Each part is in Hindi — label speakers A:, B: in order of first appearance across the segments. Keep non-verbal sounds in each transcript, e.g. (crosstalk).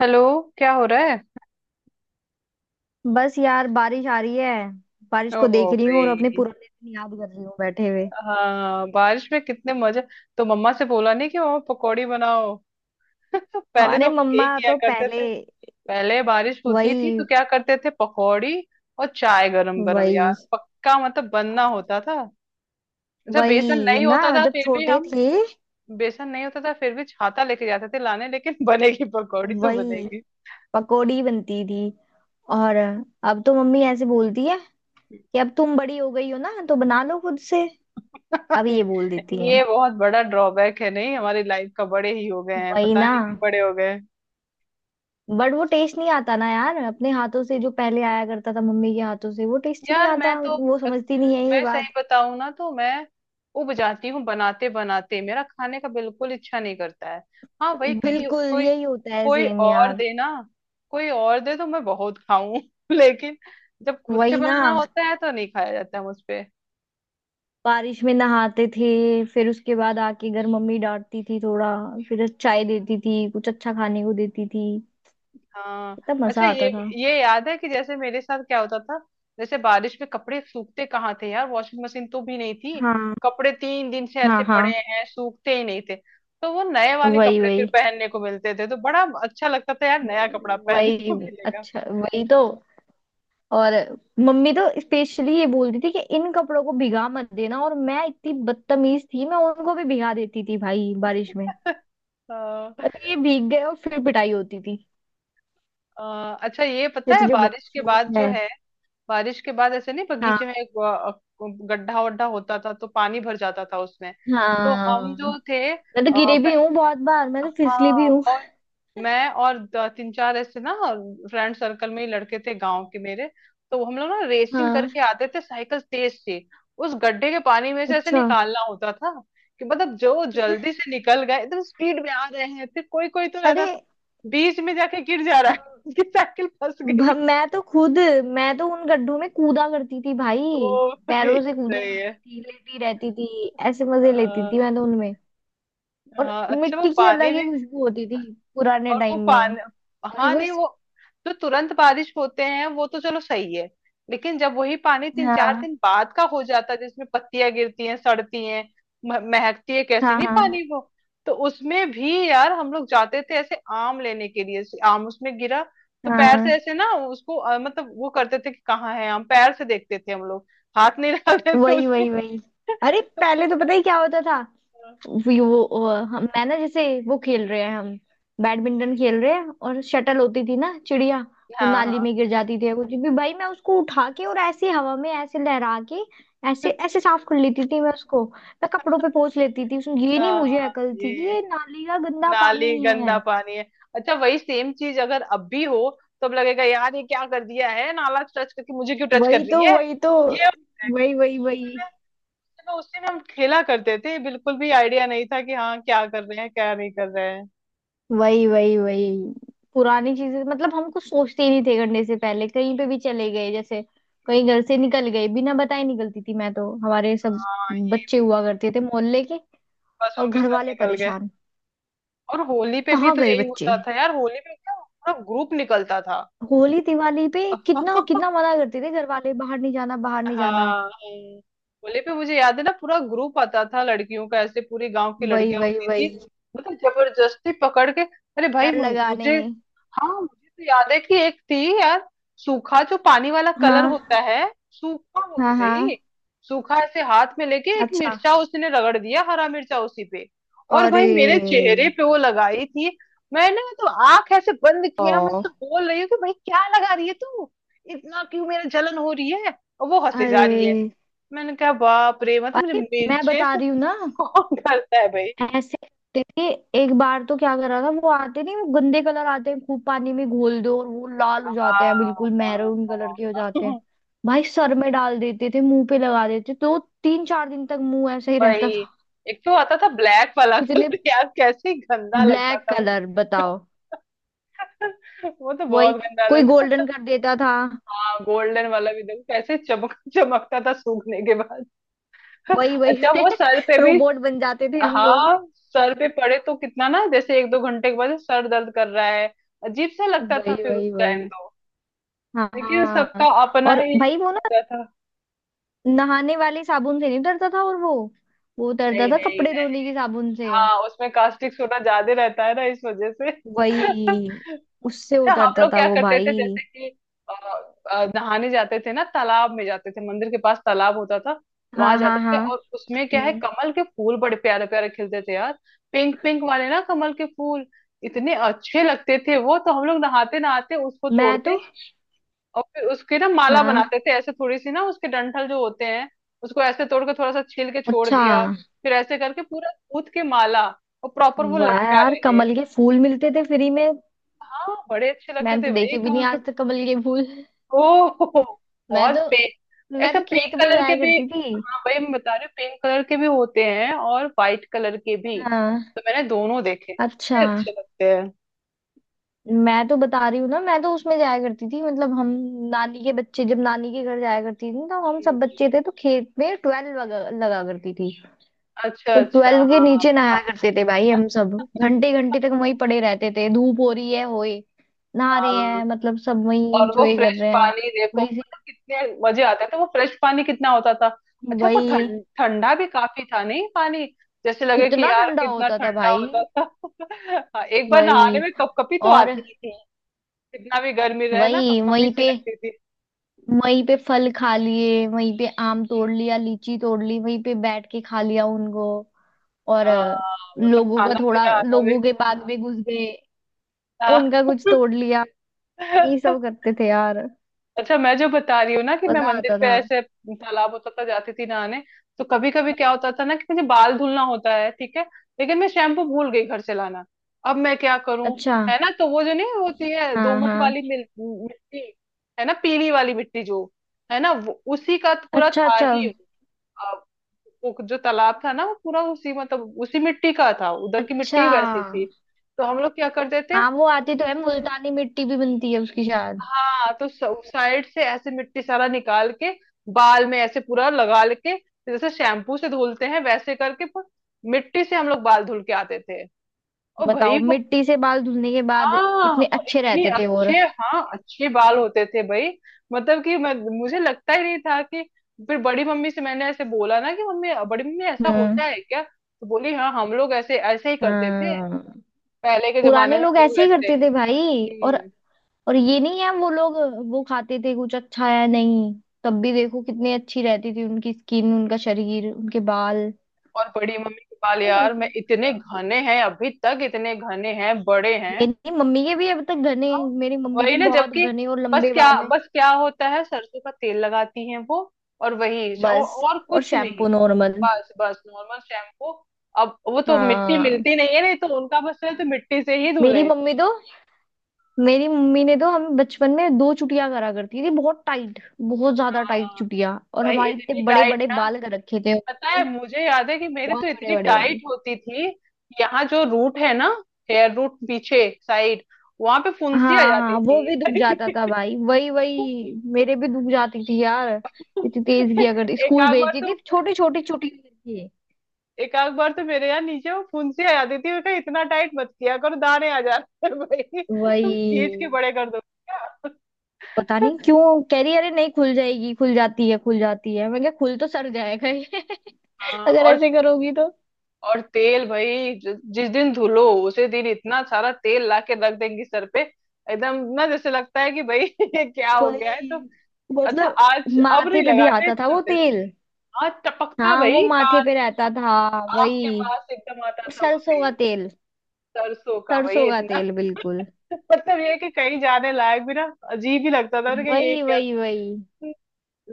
A: हेलो। क्या हो रहा है?
B: बस यार, बारिश आ रही है। बारिश को
A: ओ
B: देख रही हूँ और अपने
A: भाई।
B: पुराने दिन याद कर रही हूँ बैठे हुए।
A: हाँ, बारिश में कितने मजे। तो मम्मा से बोला नहीं कि मम्मा पकौड़ी बनाओ। (laughs) पहले तो
B: अरे,
A: हम लोग
B: मम्मा
A: यही किया
B: तो
A: करते
B: पहले।
A: थे। पहले बारिश होती थी तो
B: वही।
A: क्या करते थे? पकौड़ी और चाय गरम गरम यार,
B: वही।
A: पक्का मतलब बनना होता था। अच्छा बेसन
B: वही
A: नहीं
B: ना,
A: होता था
B: जब
A: फिर भी
B: छोटे
A: हम।
B: थे।
A: बेसन नहीं होता था फिर भी छाता लेके जाते थे लाने, लेकिन (laughs) बनेगी पकौड़ी तो
B: वही,
A: बनेगी।
B: पकोड़ी बनती थी। और अब तो मम्मी ऐसे बोलती है कि अब तुम बड़ी हो गई हो ना तो बना लो खुद से। अब ये
A: (laughs)
B: बोल देती है।
A: ये बहुत बड़ा ड्रॉबैक है नहीं हमारी लाइफ का। बड़े ही हो गए हैं,
B: वही
A: पता
B: ना।
A: नहीं क्यों बड़े हो गए।
B: बट वो टेस्ट नहीं आता ना यार, अपने हाथों से जो पहले आया करता था, मम्मी के हाथों से वो टेस्ट ही नहीं
A: यार
B: आता। वो समझती नहीं है ये
A: मैं
B: बात।
A: सही बताऊं ना, तो मैं उब जाती हूँ बनाते बनाते। मेरा खाने का बिल्कुल इच्छा नहीं करता है। हाँ भाई, कहीं
B: बिल्कुल
A: कोई
B: यही होता है,
A: कोई
B: सेम
A: और
B: यार।
A: दे ना, कोई और दे तो मैं बहुत खाऊं। (laughs) लेकिन जब खुद से
B: वही
A: बनाना
B: ना।
A: होता है तो नहीं खाया जाता है मुझ पे।
B: बारिश में नहाते थे, फिर उसके बाद आके घर मम्मी डांटती थी थोड़ा। फिर चाय देती थी, कुछ अच्छा खाने को देती थी।
A: हाँ,
B: कितना
A: अच्छा
B: मजा
A: ये
B: आता था।
A: ये याद है कि जैसे मेरे साथ क्या होता था। जैसे बारिश में कपड़े सूखते कहाँ थे यार, वॉशिंग मशीन तो भी नहीं थी।
B: हाँ,
A: कपड़े 3 दिन से
B: हाँ,
A: ऐसे पड़े
B: हाँ।
A: हैं, सूखते ही नहीं थे। तो वो नए वाले
B: वही,
A: कपड़े फिर
B: वही,
A: पहनने को मिलते थे तो बड़ा अच्छा लगता था यार, नया कपड़ा पहनने
B: वही।
A: को मिलेगा।
B: अच्छा, वही तो। और मम्मी तो स्पेशली ये बोलती थी कि इन कपड़ों को भिगा मत देना, और मैं इतनी बदतमीज थी, मैं उनको भी भिगा देती थी भाई बारिश में।
A: (laughs) हाँ,
B: मतलब ये भीग गए और फिर पिटाई होती थी
A: हाँ, अच्छा ये पता
B: कि
A: है
B: तुझे बहुत
A: बारिश के
B: शौक
A: बाद जो
B: है।
A: है, बारिश के बाद ऐसे नहीं, बगीचे
B: हाँ।
A: में एक गड्ढा वड्ढा होता था तो पानी भर जाता था उसमें। तो हम
B: हाँ।
A: जो थे
B: मैं तो गिरी
A: ब-
B: भी हूँ बहुत बार, मैं तो फिसली भी
A: हाँ,
B: हूँ।
A: और मैं और तीन चार ऐसे ना। फ्रेंड सर्कल में ही लड़के थे गांव के मेरे। तो हम लोग ना रेसिंग
B: हाँ,
A: करके आते थे साइकिल तेज से। उस गड्ढे के पानी में से ऐसे
B: अच्छा,
A: निकालना होता था कि, मतलब जो जल्दी से निकल गए एकदम स्पीड में आ रहे हैं, फिर कोई कोई तो रहता
B: अरे।
A: था बीच में जाके गिर जा रहा है। (laughs) उसकी साइकिल फंस गई।
B: मैं तो खुद। मैं तो उन गड्ढों में कूदा करती थी
A: ओ,
B: भाई।
A: सही।
B: पैरों से कूदा
A: सही
B: करती
A: है।
B: थी, लेटी रहती थी। ऐसे मजे लेती
A: हाँ,
B: थी मैं तो उनमें। और
A: हाँ, अच्छा वो
B: मिट्टी की
A: पानी
B: अलग
A: भी।
B: ही खुशबू होती थी पुराने
A: और वो
B: टाइम में।
A: पान,
B: अरे
A: हाँ
B: वो
A: नहीं, वो जो तुरंत बारिश होते हैं वो तो चलो सही है। लेकिन जब वही पानी तीन चार
B: हाँ,
A: दिन बाद का हो जाता है, जिसमें पत्तियां गिरती हैं, सड़ती हैं, महकती है कैसी
B: हाँ,
A: नहीं
B: हाँ,
A: पानी वो। तो उसमें भी यार हम लोग जाते थे ऐसे आम लेने के लिए। ऐसे आम उसमें गिरा तो पैर से
B: हाँ।
A: ऐसे ना उसको मतलब वो करते थे कि कहाँ है आम, पैर से देखते थे हम लोग। हाथ नहीं (laughs) लगाते थे
B: वही,
A: उसमें।
B: वही,
A: (laughs)
B: वही। अरे,
A: तो
B: पहले तो पता ही क्या होता था। वी- वो वो- हम। मैं ना, जैसे वो खेल रहे हैं, हम बैडमिंटन खेल रहे हैं, और शटल होती थी ना, चिड़िया। वो
A: हाँ,
B: नाली में
A: हाँ,
B: गिर जाती थी या कुछ भी भाई, मैं उसको उठा के और ऐसे हवा में ऐसे लहरा के, ऐसे ऐसे साफ कर लेती थी मैं उसको। मैं कपड़ों पे पोंछ लेती थी उसमें। ये नहीं मुझे
A: हाँ।
B: अकल थी कि
A: ये
B: ये नाली का गंदा
A: नाली
B: पानी है।
A: गंदा पानी है। अच्छा वही सेम चीज अगर अब भी हो, तो अब लगेगा यार, ये क्या कर दिया है, नाला टच करके मुझे क्यों टच कर
B: वही
A: रही
B: तो,
A: है।
B: वही तो।
A: ये
B: वही, वही, वही।
A: अपने, चलो उसी में हम खेला करते थे, बिल्कुल भी आइडिया नहीं था कि हाँ क्या कर रहे हैं क्या नहीं कर रहे हैं।
B: वही, वही, वही। पुरानी चीजें, मतलब हम कुछ सोचते ही नहीं थे करने से पहले। कहीं पे भी चले गए जैसे, कहीं घर से निकल गए बिना बताए, निकलती थी मैं तो। हमारे सब
A: हाँ ये
B: बच्चे
A: भी।
B: हुआ करते थे मोहल्ले के।
A: बस
B: और
A: उनके
B: घर
A: साथ
B: वाले
A: निकल गए।
B: परेशान,
A: और होली पे भी
B: कहाँ
A: तो
B: गए
A: यही
B: बच्चे।
A: होता था यार, होली पे क्या पूरा ग्रुप निकलता था।
B: होली दिवाली पे कितना कितना
A: (laughs)
B: मना करते थे घर वाले, बाहर नहीं जाना, बाहर नहीं
A: हाँ,
B: जाना।
A: हाँ। होली पे मुझे याद है ना, पूरा ग्रुप आता था लड़कियों का, ऐसे पूरी गांव की
B: वही,
A: लड़कियां
B: वही,
A: होती थी,
B: वही।
A: मतलब जबरदस्ती पकड़ के। अरे भाई,
B: डर लगाने।
A: मुझे, हाँ, मुझे तो याद है कि एक थी यार। सूखा जो पानी वाला कलर होता
B: हाँ,
A: है, सूखा, वो भी
B: हाँ,
A: भाई,
B: हाँ।
A: सूखा ऐसे हाथ में लेके एक
B: अच्छा,
A: मिर्चा उसने रगड़ दिया, हरा मिर्चा उसी पे। और
B: अरे,
A: भाई मेरे चेहरे पे वो लगाई थी। मैंने तो आंख ऐसे बंद किया, मैं
B: ओ,
A: उससे बोल रही हूँ कि भाई क्या लगा रही है तू, इतना क्यों मेरा जलन हो रही है, और वो हंसे जा रही है।
B: अरे,
A: मैंने कहा बाप रे, मतलब मुझे
B: अरे। मैं
A: मिर्चे
B: बता
A: से।
B: रही हूँ ना,
A: कौन करता है भाई।
B: ऐसे करते थे। एक बार तो क्या करा था, वो आते नहीं, वो गंदे कलर आते हैं, खूब पानी में घोल दो और वो लाल हो
A: हाँ,
B: जाते हैं, बिल्कुल
A: हाँ,
B: मैरून कलर
A: हाँ,
B: के हो जाते हैं।
A: हाँ।
B: भाई सर में डाल देते थे, मुंह पे लगा देते तो 3 4 दिन तक मुंह ऐसे ही
A: वही,
B: रहता था।
A: एक तो आता था ब्लैक वाला
B: इतने
A: कलर। (laughs) यार कैसे गंदा लगता
B: ब्लैक
A: था वो।
B: कलर, बताओ।
A: (laughs) वो तो बहुत
B: वही।
A: गंदा
B: कोई
A: लगता था।
B: गोल्डन कर देता था।
A: हाँ गोल्डन वाला भी देखो कैसे चमक चमकता था सूखने के बाद। (laughs)
B: वही,
A: अच्छा
B: वही।
A: वो सर पे
B: (laughs)
A: भी।
B: रोबोट बन जाते थे हम लोग।
A: हाँ सर पे पड़े तो कितना ना, जैसे 1-2 घंटे के बाद सर दर्द कर रहा है, अजीब सा लगता था
B: वही,
A: फिर
B: वही,
A: उस टाइम
B: वही।
A: तो।
B: हाँ,
A: लेकिन सबका
B: हाँ।
A: अपना
B: और
A: ही
B: भाई वो ना
A: लगता था।
B: नहाने वाले साबुन से नहीं उतरता था, और वो। वो उतरता
A: नहीं,
B: था
A: नहीं,
B: कपड़े धोने
A: नहीं।
B: की साबुन से।
A: हाँ उसमें कास्टिक सोडा ज्यादा रहता है ना, इस वजह से।
B: वही। उससे
A: अच्छा हम
B: उतरता
A: लोग
B: था
A: क्या
B: वो
A: करते थे
B: भाई।
A: जैसे कि, अ, नहाने जाते थे ना, तालाब में जाते थे, मंदिर के पास तालाब होता था। वहां
B: हाँ, हाँ,
A: जाते थे
B: हाँ।
A: और उसमें क्या है,
B: हम्म।
A: कमल के फूल बड़े प्यारे प्यारे खिलते थे यार। पिंक पिंक वाले ना कमल के फूल। इतने अच्छे लगते थे वो, तो हम लोग नहाते नहाते उसको
B: मैं तो।
A: तोड़ते। और फिर उसकी ना माला
B: हाँ,
A: बनाते थे, ऐसे थोड़ी सी ना उसके डंठल जो होते हैं उसको ऐसे तोड़ के, थोड़ा सा छील के छोड़
B: अच्छा।
A: दिया। फिर ऐसे करके पूरा गूंथ के माला, और प्रॉपर वो
B: वाह
A: लटका
B: यार,
A: रहे।
B: कमल के फूल मिलते थे फ्री में।
A: हाँ बड़े अच्छे लगते
B: मैंने तो
A: थे भाई।
B: देखे भी नहीं आज तक कमल के फूल।
A: ओ
B: मैं
A: बहुत
B: तो।
A: पिंक,
B: मैं
A: ऐसा
B: तो खेत
A: पिंक
B: में
A: कलर के
B: जाया
A: भी।
B: करती थी।
A: हाँ भाई मैं बता रही हूँ पिंक कलर के भी होते हैं और वाइट कलर के भी।
B: हाँ,
A: तो मैंने दोनों देखे,
B: अच्छा।
A: बड़े अच्छे लगते हैं।
B: मैं तो बता रही हूँ ना, मैं तो उसमें जाया करती थी, मतलब हम नानी के बच्चे, जब नानी के घर जाया करती थी तो हम सब
A: हम्म,
B: बच्चे थे तो खेत में ट्वेल्व लगा करती थी।
A: अच्छा,
B: तो
A: अच्छा,
B: ट्वेल्व के
A: हाँ,
B: नीचे नहाया
A: हाँ।
B: करते थे भाई हम सब। घंटे घंटे तक वहीं पड़े रहते थे, धूप हो रही है होए, नहा रहे
A: हाँ
B: हैं, मतलब सब वहीं
A: और वो
B: इंजॉय कर
A: फ्रेश
B: रहे हैं।
A: पानी देखो,
B: वही से।
A: मतलब कितने मजे आते थे, वो फ्रेश पानी कितना होता था। अच्छा वो
B: वही।
A: ठंडा भी काफी था नहीं पानी। जैसे लगे कि
B: कितना
A: यार
B: ठंडा
A: कितना
B: होता था
A: ठंडा
B: भाई।
A: होता था। (laughs) हाँ, एक बार
B: वही।
A: नहाने में कपकपी तो
B: और
A: आती ही थी। कितना भी गर्मी रहे ना,
B: वही।
A: कपकपी
B: वहीं
A: सी
B: पे,
A: लगती थी।
B: वहीं पे फल खा लिए, वहीं पे आम तोड़ लिया, लीची तोड़ ली, वहीं पे बैठ के खा लिया उनको। और
A: हाँ, मतलब
B: लोगों का
A: खाना
B: थोड़ा,
A: पीना आना भी।
B: लोगों के बाग में घुस गए, उनका
A: हाँ।
B: कुछ तोड़ लिया। यही
A: (laughs)
B: सब करते थे यार।
A: अच्छा मैं जो बता रही हूँ ना, कि मैं
B: मजा
A: मंदिर
B: आता
A: पे
B: था।
A: ऐसे तालाब होता था जाती थी नहाने। तो कभी कभी क्या होता था ना, कि मुझे बाल धुलना होता है, ठीक है, लेकिन मैं शैम्पू भूल गई घर से लाना। अब मैं क्या करूँ?
B: अच्छा,
A: है ना, तो वो जो नहीं होती है
B: हाँ,
A: दोमट
B: हाँ।
A: वाली मिट्टी, है ना, पीली वाली मिट्टी जो, है ना, वो उसी का तो पूरा
B: अच्छा,
A: था
B: अच्छा,
A: ही वो। अब वो जो तालाब था ना, वो पूरा उसी मतलब उसी मिट्टी का था, उधर की
B: अच्छा।
A: मिट्टी वैसी थी। तो हम लोग क्या करते थे?
B: हाँ, वो आती तो है, मुल्तानी मिट्टी भी बनती है उसकी शायद।
A: हाँ तो साइड से ऐसे मिट्टी सारा निकाल के, बाल में ऐसे पूरा लगा के, जैसे शैम्पू से धुलते हैं, वैसे करके मिट्टी से हम लोग बाल धुल के आते थे। और भाई
B: बताओ,
A: वो।
B: मिट्टी से बाल धुलने के बाद
A: हाँ
B: इतने
A: और
B: अच्छे
A: इतनी
B: रहते थे। और,
A: अच्छे, हाँ, अच्छे बाल होते थे भाई, मतलब कि मैं, मुझे लगता ही नहीं था कि। फिर बड़ी मम्मी से मैंने ऐसे बोला ना कि मम्मी, बड़ी मम्मी ऐसा
B: हम्म,
A: होता है क्या? तो बोली हाँ हम लोग ऐसे ऐसे ही करते थे,
B: हाँ।
A: पहले के
B: पुराने
A: जमाने में
B: लोग
A: हम लोग
B: ऐसे ही
A: ऐसे।
B: करते थे भाई।
A: हम्म।
B: और ये नहीं है, वो लोग वो खाते थे कुछ अच्छा है नहीं, तब भी देखो कितनी अच्छी रहती थी उनकी स्किन, उनका शरीर, उनके बाल।
A: और बड़ी मम्मी के बाल
B: बस
A: यार,
B: ऐसे
A: मैं,
B: ही
A: इतने
B: होता।
A: घने हैं अभी तक, इतने घने हैं, बड़े हैं।
B: मेरी मम्मी के भी अब तक घने।
A: हाँ,
B: मेरी मम्मी के
A: वही ना,
B: बहुत
A: जबकि
B: घने और
A: बस
B: लंबे
A: क्या,
B: बाल हैं।
A: बस क्या होता है, सरसों का तेल लगाती हैं वो। और वही, और,
B: बस।
A: और
B: और
A: कुछ नहीं।
B: Shampoo normal.
A: बस बस नॉर्मल शैम्पू। अब वो तो मिट्टी
B: हाँ,
A: मिलती नहीं है, नहीं तो उनका बस है तो मिट्टी से ही
B: मेरी
A: धुले।
B: मम्मी तो। मेरी मम्मी ने तो हम बचपन में 2 चुटिया करा करती थी, बहुत टाइट, बहुत ज्यादा टाइट
A: हाँ
B: चुटिया, और
A: भाई,
B: हमारे इतने
A: इतनी
B: बड़े
A: टाइट
B: बड़े
A: ना,
B: बाल कर रखे थे
A: पता है
B: उन्होंने।
A: मुझे याद है कि मेरी
B: बहुत
A: तो
B: बड़े
A: इतनी
B: बड़े
A: टाइट
B: बाल।
A: होती थी। यहाँ जो रूट है ना, हेयर रूट पीछे साइड, वहां पे
B: हाँ,
A: फुंसी आ जाती
B: हाँ, वो भी
A: थी।
B: दुख जाता था भाई, वही वही,
A: (laughs)
B: मेरे भी दुख जाती थी यार। इतनी तेज किया करती,
A: एक
B: स्कूल
A: आध बार
B: भेजती
A: तो
B: थी छोटी छोटी छोटी करके।
A: एक आध बार तो मेरे यहाँ नीचे वो फुंसी आ जाती थी। बेटा इतना टाइट मत किया करो, दाने आ जाते हैं भाई। तुम खींच के
B: वही,
A: बड़े कर दो क्या?
B: पता नहीं
A: (laughs)
B: क्यों कह रही, अरे नहीं खुल जाएगी, खुल जाती है, खुल जाती है, मैं क्या, खुल तो सड़ जाएगा ये। (laughs)
A: हाँ,
B: अगर
A: और
B: ऐसे करोगी तो।
A: और तेल भाई, जिस दिन धुलो, उसी दिन इतना सारा तेल ला के रख देंगी सर पे। एकदम ना जैसे लगता है कि भाई (laughs) ये क्या हो गया है
B: वही,
A: तो। अच्छा
B: मतलब।
A: आज अब
B: माथे
A: नहीं
B: पे भी
A: लगाते
B: आता था
A: इतना
B: वो
A: तेल,
B: तेल।
A: आज टपकता
B: हाँ, वो
A: भाई
B: माथे पे
A: कान,
B: रहता था,
A: आँख के
B: वही।
A: पास एकदम आता
B: और
A: था वो
B: सरसों
A: तेल।
B: का तेल,
A: सरसों का भाई
B: सरसों का
A: इतना।
B: तेल बिल्कुल।
A: (laughs) मतलब ये कि कहीं जाने लायक भी ना, अजीब ही लगता था ना कि ये
B: वही,
A: क्या,
B: वही, वही।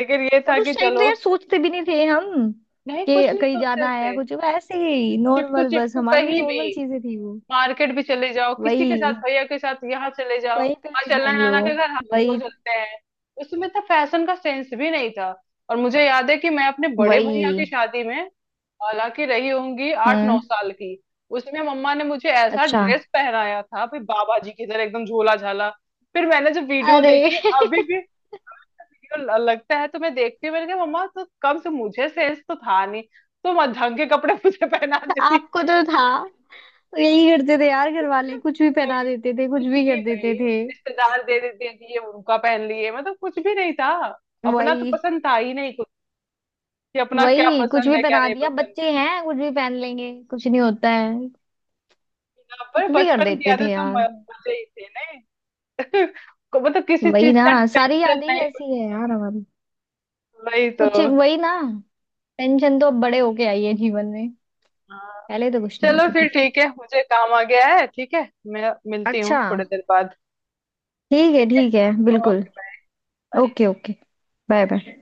A: लेकिन ये था
B: और
A: कि
B: उस टाइम तो
A: चलो।
B: यार सोचते भी नहीं थे हम
A: नहीं, कुछ
B: कि
A: नहीं
B: कहीं
A: सोचते
B: जाना है या
A: थे।
B: कुछ। वो ऐसे ही
A: चिपकू
B: नॉर्मल, बस
A: चिपकू
B: हमारे लिए
A: कहीं भी।
B: नॉर्मल चीजें थी वो।
A: मार्केट भी चले जाओ, किसी के साथ
B: वही।
A: भैया के साथ यहाँ चले जाओ।
B: कहीं पे
A: हाँ
B: भी
A: चलना है
B: घूम लो।
A: नाना के घर, हाँ चलो
B: वही,
A: चलते हैं। उसमें तो फैशन का सेंस भी नहीं था। और मुझे याद है कि मैं अपने बड़े भैया की
B: वही।
A: शादी में, हालांकि रही होंगी आठ नौ
B: हम्म।
A: साल की। उसमें मम्मा ने मुझे ऐसा
B: अच्छा,
A: ड्रेस पहनाया था भाई, बाबा जी की तरह एकदम झोला झाला। फिर मैंने जब वीडियो
B: अरे।
A: देखी, अभी
B: (laughs)
A: भी वीडियो लगता है तो मैं देखती हूँ। मैंने कहा मम्मा तो कम से, मुझे सेंस तो था नहीं तो ढंग के कपड़े (laughs) मुझे पहना देती।
B: आपको तो था। यही करते थे यार, घर वाले
A: (laughs)
B: कुछ भी पहना देते थे, कुछ
A: कुछ
B: भी
A: भी
B: कर
A: भाई।
B: देते थे।
A: रिश्तेदार दे देते हैं कि ये उनका पहन लिए, मतलब कुछ भी नहीं था, अपना तो
B: वही।
A: पसंद था ही नहीं कुछ, कि अपना क्या
B: वही, कुछ
A: पसंद
B: भी
A: है क्या
B: पहना
A: नहीं
B: दिया,
A: पसंद है।
B: बच्चे हैं, कुछ भी पहन लेंगे, कुछ नहीं होता है।
A: यहाँ पर
B: कुछ भी कर
A: बचपन की
B: देते
A: यादें
B: थे
A: तो
B: यार।
A: मजे ही थे ना। (laughs) मतलब किसी
B: वही
A: चीज
B: ना,
A: का
B: सारी
A: टेंशन
B: यादें ही
A: नहीं कुछ।
B: ऐसी है
A: नहीं
B: यार हमारी।
A: वही तो।
B: कुछ। वही ना। पेंशन तो अब बड़े होके आई है जीवन में।
A: हाँ
B: पहले तो कुछ नहीं
A: चलो
B: होती
A: फिर
B: थी।
A: ठीक है, मुझे काम आ गया है। ठीक है, मैं मिलती हूँ
B: अच्छा,
A: थोड़ी देर बाद।
B: ठीक है,
A: ठीक है,
B: ठीक है, बिल्कुल।
A: Okay, bye.
B: Okay, okay. Bye, bye.